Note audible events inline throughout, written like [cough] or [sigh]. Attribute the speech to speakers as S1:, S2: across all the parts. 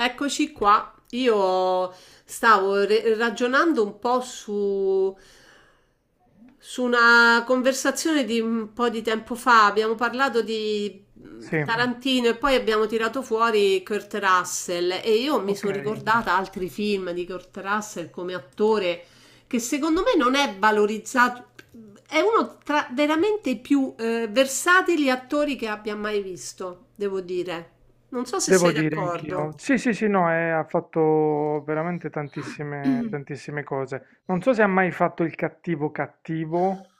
S1: Eccoci qua. Io stavo ragionando un po' su una conversazione di un po' di tempo fa. Abbiamo parlato di
S2: Sì,
S1: Tarantino e poi abbiamo tirato fuori Kurt Russell e io mi
S2: ok,
S1: sono ricordata altri film di Kurt Russell come attore che secondo me non è valorizzato. È uno tra veramente i più versatili attori che abbia mai visto, devo dire. Non so se
S2: devo
S1: sei
S2: dire
S1: d'accordo.
S2: anch'io. Sì, sì, sì, no, ha fatto veramente tantissime, tantissime cose. Non so se ha mai fatto il cattivo cattivo.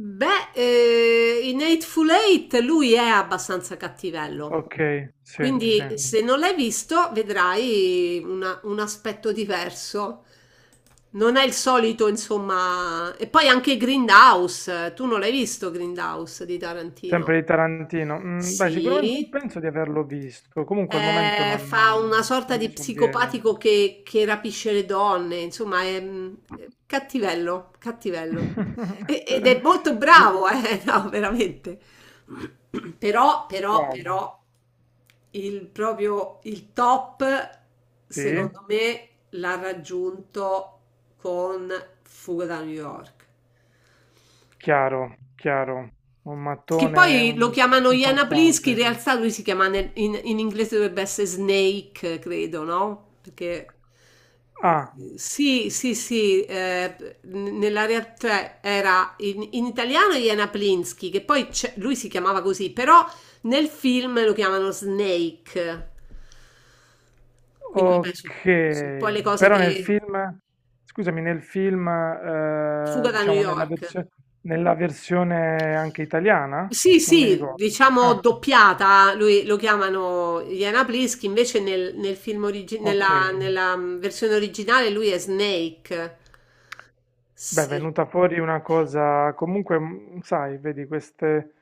S1: Beh, in Eightful Eight lui è abbastanza cattivello,
S2: Ok, sì, sì.
S1: quindi se non l'hai visto vedrai un aspetto diverso. Non è il solito, insomma. E poi anche Grindhouse, tu non l'hai visto Grindhouse di Tarantino?
S2: Sempre di Tarantino. Beh, sicuramente
S1: Sì.
S2: penso di averlo visto. Comunque al momento
S1: Fa una sorta
S2: non mi
S1: di
S2: sovviene.
S1: psicopatico che rapisce le donne, insomma, è cattivello, cattivello.
S2: [laughs]
S1: Ed è molto
S2: Di-
S1: bravo, [laughs] no, veramente. Però, però,
S2: Wow,
S1: però, il proprio, il top,
S2: sì,
S1: secondo me, l'ha raggiunto con Fuga da New York.
S2: chiaro, chiaro. Un
S1: Che
S2: mattone
S1: poi lo
S2: un-
S1: chiamano Iana Plinsky, in
S2: importante.
S1: realtà lui si chiama in inglese dovrebbe essere Snake, credo, no? Perché
S2: Ah.
S1: sì, sì, sì, nella realtà era in italiano Iana Plinsky, che poi lui si chiamava così, però nel film lo chiamano Snake. Quindi vabbè, sono un po'
S2: Ok,
S1: le cose
S2: però nel
S1: che...
S2: film, scusami, nel film,
S1: Fuga da New
S2: diciamo
S1: York.
S2: nella versione anche italiana?
S1: Sì,
S2: Non mi
S1: sì,
S2: ricordo.
S1: diciamo
S2: Ah,
S1: doppiata, lui, lo chiamano Iana Plisk, invece nel film origi- nella,
S2: ok.
S1: nella versione originale lui è Snake.
S2: Beh, è
S1: Se-
S2: venuta fuori una cosa, comunque, sai, vedi queste,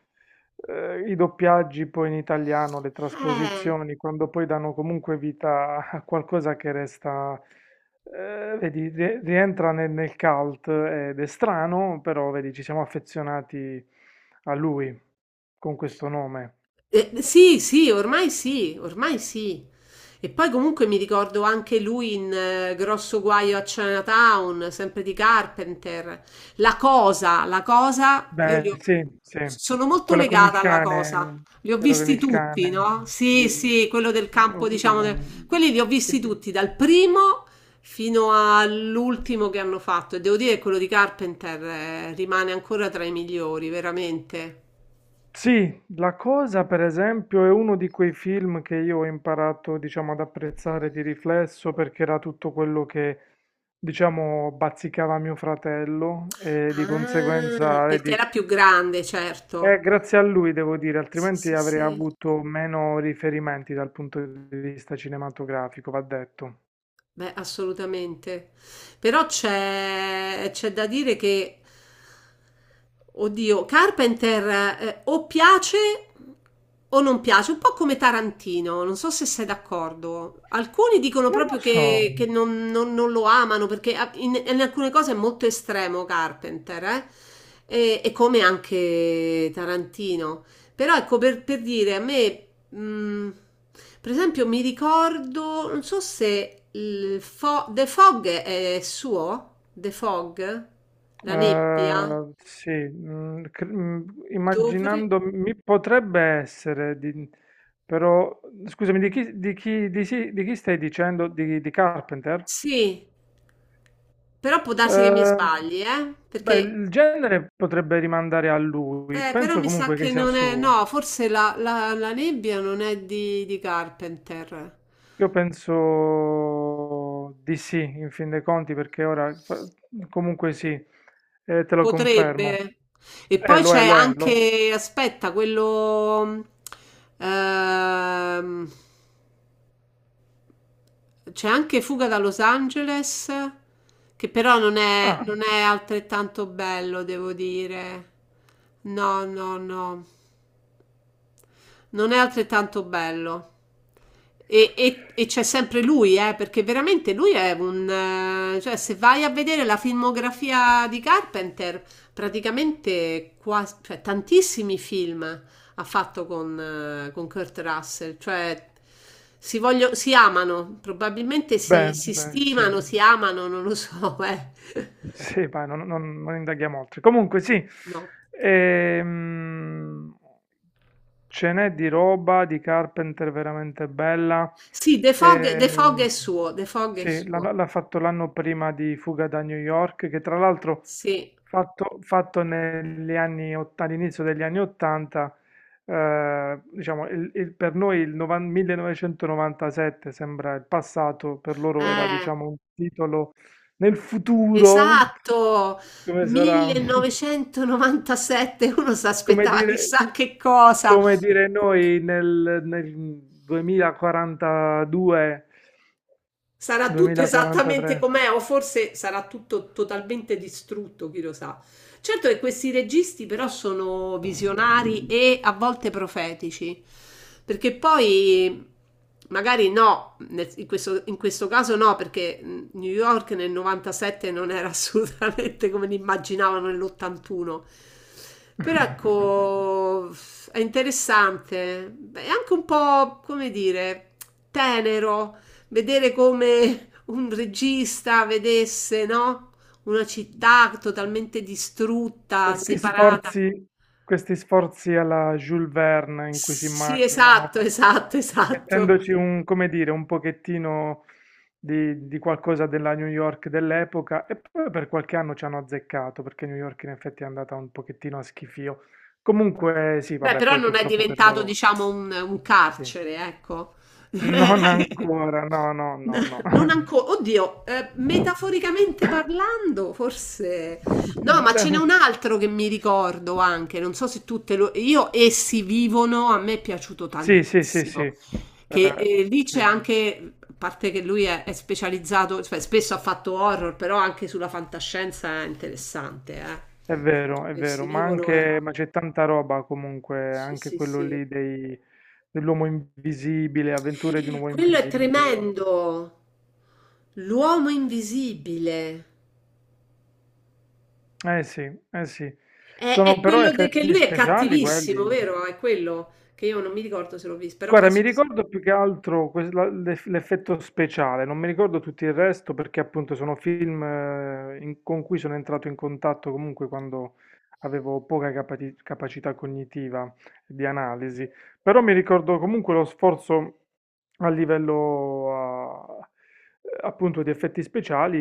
S2: eh, i doppiaggi poi in italiano, le trasposizioni, quando poi danno comunque vita a qualcosa che resta, vedi, rientra nel, nel cult ed è strano, però vedi, ci siamo affezionati a lui con questo nome.
S1: Sì, sì, ormai sì, ormai sì. E poi comunque mi ricordo anche lui in Grosso Guaio a Chinatown, sempre di Carpenter. La cosa,
S2: Beh, sì, sì,
S1: sono molto
S2: quello con il
S1: legata alla cosa.
S2: cane,
S1: Li ho
S2: quello con
S1: visti
S2: il
S1: tutti,
S2: cane,
S1: no? Sì,
S2: giusto.
S1: sì, quello del
S2: Ah,
S1: campo,
S2: ho
S1: diciamo,
S2: presente.
S1: quelli li ho visti tutti, dal primo fino all'ultimo che hanno fatto. E devo dire che quello di Carpenter, rimane ancora tra i migliori, veramente.
S2: Sì, La Cosa per esempio è uno di quei film che io ho imparato, diciamo, ad apprezzare di riflesso perché era tutto quello che, diciamo, bazzicava mio fratello e di
S1: Ah,
S2: conseguenza,
S1: perché
S2: vedi,
S1: era più grande,
S2: è
S1: certo.
S2: grazie a lui devo dire,
S1: Sì,
S2: altrimenti
S1: sì,
S2: avrei
S1: sì.
S2: avuto meno riferimenti dal punto di vista cinematografico, va detto.
S1: Beh, assolutamente. Però c'è da dire che, oddio, Carpenter o piace o non piace, un po' come Tarantino, non so se sei d'accordo. Alcuni dicono
S2: Non
S1: proprio
S2: lo so.
S1: che non, non lo amano perché in alcune cose è molto estremo Carpenter, eh? E come anche Tarantino. Però ecco, per dire, a me, per esempio, mi ricordo, non so se il The Fog è suo, The Fog, la nebbia, dovrei...
S2: Immaginando, mi potrebbe essere, di- però scusami, di chi stai dicendo? Di Carpenter?
S1: Sì, però può darsi che mi
S2: Eh,
S1: sbagli, eh?
S2: beh,
S1: Perché,
S2: il genere potrebbe rimandare a lui,
S1: però
S2: penso
S1: mi sa
S2: comunque che
S1: che
S2: sia
S1: non è,
S2: suo.
S1: no, forse la nebbia non è di Carpenter.
S2: Io penso di sì, in fin dei conti, perché comunque sì, te lo confermo.
S1: Potrebbe. E poi
S2: Lo è,
S1: c'è
S2: lo è, lo è.
S1: anche, aspetta, quello... ehm, c'è anche Fuga da Los Angeles, che però non è,
S2: Ah,
S1: non è altrettanto bello, devo dire. No, no, no. Non è altrettanto bello. E c'è sempre lui, perché veramente lui è un... cioè se vai a vedere la filmografia di Carpenter, praticamente quasi, cioè, tantissimi film ha fatto con Kurt Russell, cioè si amano, probabilmente si,
S2: beh,
S1: si
S2: beh, sì.
S1: stimano, si amano, non lo so, [laughs] eh.
S2: Sì, ma non indaghiamo oltre. Comunque sì,
S1: No.
S2: ehm, ce n'è di roba di Carpenter veramente bella.
S1: Sì, The Fog, The Fog
S2: Eh,
S1: è suo, The Fog è
S2: sì,
S1: suo,
S2: l'ha fatto l'anno prima di Fuga da New York, che tra l'altro
S1: sì.
S2: fatto all'inizio degli anni 80, diciamo, per noi 1997 sembra il passato, per loro era
S1: Eh.
S2: diciamo un titolo nel futuro,
S1: Esatto,
S2: come sarà? [laughs]
S1: 1997 uno si
S2: Come
S1: aspettava
S2: dire,
S1: chissà che cosa.
S2: come dire noi nel 2042,
S1: Sarà tutto esattamente
S2: 2043.
S1: com'è, o forse sarà tutto totalmente distrutto, chi lo sa. Certo che questi registi però sono visionari e a volte profetici, perché poi magari no, in questo, caso no, perché New York nel 97 non era [laughs] assolutamente come l'immaginavano nell'81. Però ecco, è interessante, è anche un po', come dire, tenero vedere come un regista vedesse, no? Una città totalmente distrutta,
S2: Questi
S1: separata.
S2: sforzi, questi sforzi alla Jules Verne in cui si
S1: Sì,
S2: immaginano,
S1: esatto, esatto, esatto.
S2: mettendoci un, come dire, un pochettino di qualcosa della New York dell'epoca e poi per qualche anno ci hanno azzeccato perché New York in effetti è andata un pochettino a schifio. Comunque sì,
S1: Beh,
S2: vabbè,
S1: però
S2: poi
S1: non è
S2: purtroppo per
S1: diventato,
S2: loro
S1: diciamo, un
S2: sì.
S1: carcere, ecco.
S2: Non
S1: [laughs]
S2: ancora, no, no, no, no.
S1: Non ancora, oddio, metaforicamente
S2: [laughs]
S1: parlando, forse. No, ma ce n'è
S2: Beh,
S1: un altro che mi ricordo anche, non so se tutte lo... Io, essi vivono, a me è piaciuto
S2: sì, sì, sì, sì.
S1: tantissimo. Che lì
S2: Sì.
S1: c'è anche, a parte che lui è specializzato, cioè, spesso ha fatto horror, però anche sulla fantascienza è interessante, eh.
S2: È vero,
S1: Persi
S2: ma
S1: vivono era...
S2: anche, ma c'è tanta roba comunque,
S1: Sì,
S2: anche
S1: sì,
S2: quello
S1: sì.
S2: dell'uomo invisibile, avventure di un uomo
S1: Quello è
S2: invisibile.
S1: tremendo. L'uomo invisibile.
S2: Eh sì, eh sì.
S1: È,
S2: Sono
S1: è
S2: però
S1: quello che
S2: effetti
S1: lui è
S2: speciali
S1: cattivissimo,
S2: quelli.
S1: vero? È quello che io non mi ricordo se l'ho visto, però
S2: Guarda, mi
S1: penso di sì.
S2: ricordo più che altro l'effetto speciale, non mi ricordo tutto il resto perché appunto sono film con cui sono entrato in contatto comunque quando avevo poca capacità cognitiva di analisi, però mi ricordo comunque lo sforzo a livello appunto di effetti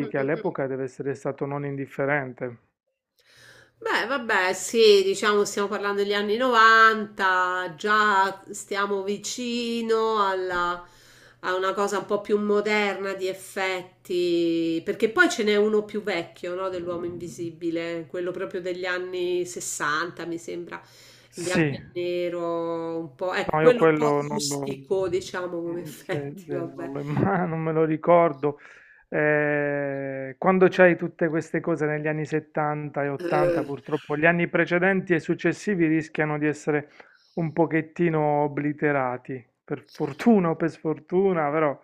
S1: Mm,
S2: che
S1: mm, mm.
S2: all'epoca deve essere stato non indifferente.
S1: Beh, vabbè, sì, diciamo stiamo parlando degli anni 90, già stiamo vicino a una cosa un po' più moderna di effetti, perché poi ce n'è uno più vecchio, no, dell'uomo invisibile, quello proprio degli anni 60, mi sembra, in bianco
S2: Sì.
S1: e nero, un po', ecco,
S2: No, io
S1: quello un po'
S2: quello non lo,
S1: rustico, diciamo, come
S2: mm, se-
S1: effetti,
S2: se non
S1: vabbè.
S2: lo imma- [laughs] non me lo ricordo. Quando c'hai tutte queste cose negli anni 70 e 80,
S1: Eh.
S2: purtroppo gli anni precedenti e successivi rischiano di essere un pochettino obliterati, per fortuna o per sfortuna, però...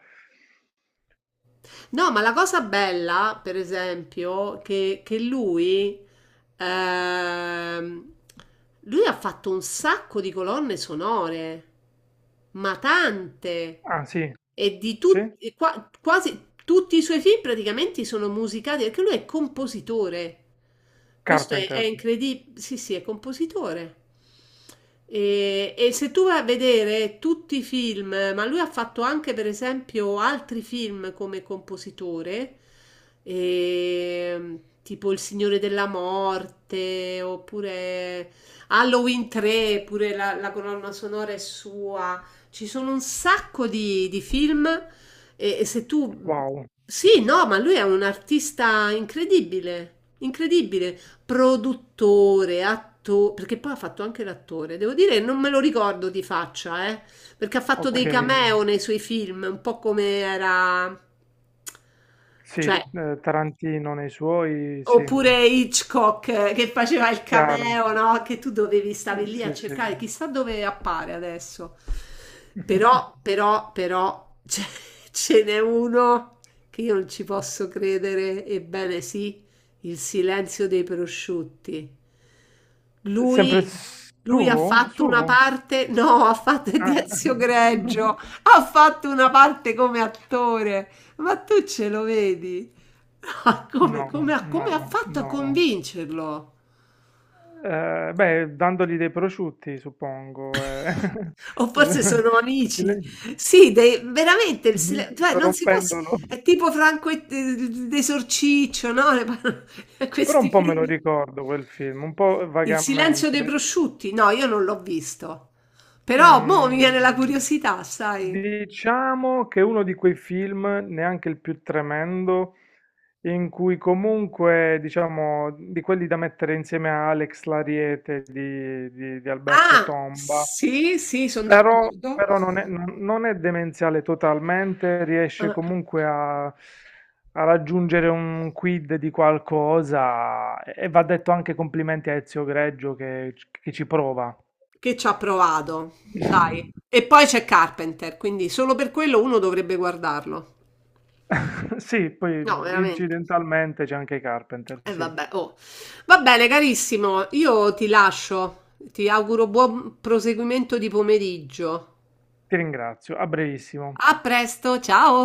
S1: No, ma la cosa bella, per esempio, che ehm, lui ha fatto un sacco di colonne sonore, ma tante,
S2: Ah, sì,
S1: e di
S2: sì?
S1: tutti, e quasi tutti i suoi film praticamente sono musicati, perché lui è compositore. Questo è
S2: Carpenter.
S1: incredibile. Sì, sì, è compositore. E se tu vai a vedere tutti i film, ma lui ha fatto anche per esempio altri film come compositore, e, tipo Il Signore della Morte, oppure Halloween 3, pure la colonna sonora è sua. Ci sono un sacco di film e se tu...
S2: Wow,
S1: Sì, no, ma lui è un artista incredibile, incredibile produttore, attore, perché poi ha fatto anche l'attore. Devo dire, non me lo ricordo di faccia, perché ha fatto
S2: ok.
S1: dei cameo nei suoi film, un po' come era,
S2: Sì,
S1: cioè,
S2: Tarantino nei suoi, sì,
S1: oppure Hitchcock che faceva il
S2: chiaro.
S1: cameo, no? Che tu dovevi stavi lì a
S2: Sì, sì.
S1: cercare, chissà dove appare adesso. Però,
S2: [laughs]
S1: però, però, [laughs] ce n'è uno che io non ci posso credere, ebbene sì, Il silenzio dei prosciutti.
S2: Sempre
S1: Lui, lui ha
S2: suo?
S1: fatto una
S2: Suo?
S1: parte, no, ha fatto è
S2: Ah.
S1: di Ezio
S2: [laughs]
S1: Greggio, ha fatto una parte come attore, ma tu ce lo vedi? Ah, come,
S2: No,
S1: come ha come
S2: no,
S1: ha fatto a
S2: no.
S1: convincerlo?
S2: Beh, dandogli dei prosciutti, suppongo, eh. [laughs]
S1: O forse
S2: Eh,
S1: sono
S2: Il
S1: amici. Sì, veramente,
S2: [laughs]
S1: il
S2: mh-mh,
S1: cioè, non si può...
S2: corrompendolo.
S1: È tipo Franco e d'Esorciccio, no? [laughs]
S2: Però un
S1: Questi
S2: po' me lo
S1: film.
S2: ricordo quel film, un po'
S1: Il silenzio dei
S2: vagamente.
S1: prosciutti? No, io non l'ho visto. Però, mo' mi viene la
S2: Mhmm.
S1: curiosità, sai?
S2: Diciamo che è uno di quei film, neanche il più tremendo, in cui comunque, diciamo, di quelli da mettere insieme a Alex l'Ariete di Alberto
S1: Ah,
S2: Tomba,
S1: sì, sì, sono
S2: però,
S1: d'accordo.
S2: non è demenziale totalmente, riesce comunque a raggiungere un quid di qualcosa e va detto anche complimenti a Ezio Greggio che ci prova.
S1: Che ci ha provato, dai. E poi c'è Carpenter, quindi solo per quello uno dovrebbe guardarlo.
S2: [laughs] Sì, poi
S1: No, veramente.
S2: incidentalmente c'è anche Carpenter,
S1: E
S2: sì.
S1: vabbè, oh. Va bene, carissimo, io ti lascio. Ti auguro buon proseguimento di pomeriggio.
S2: Ti ringrazio, a brevissimo.
S1: A presto, ciao.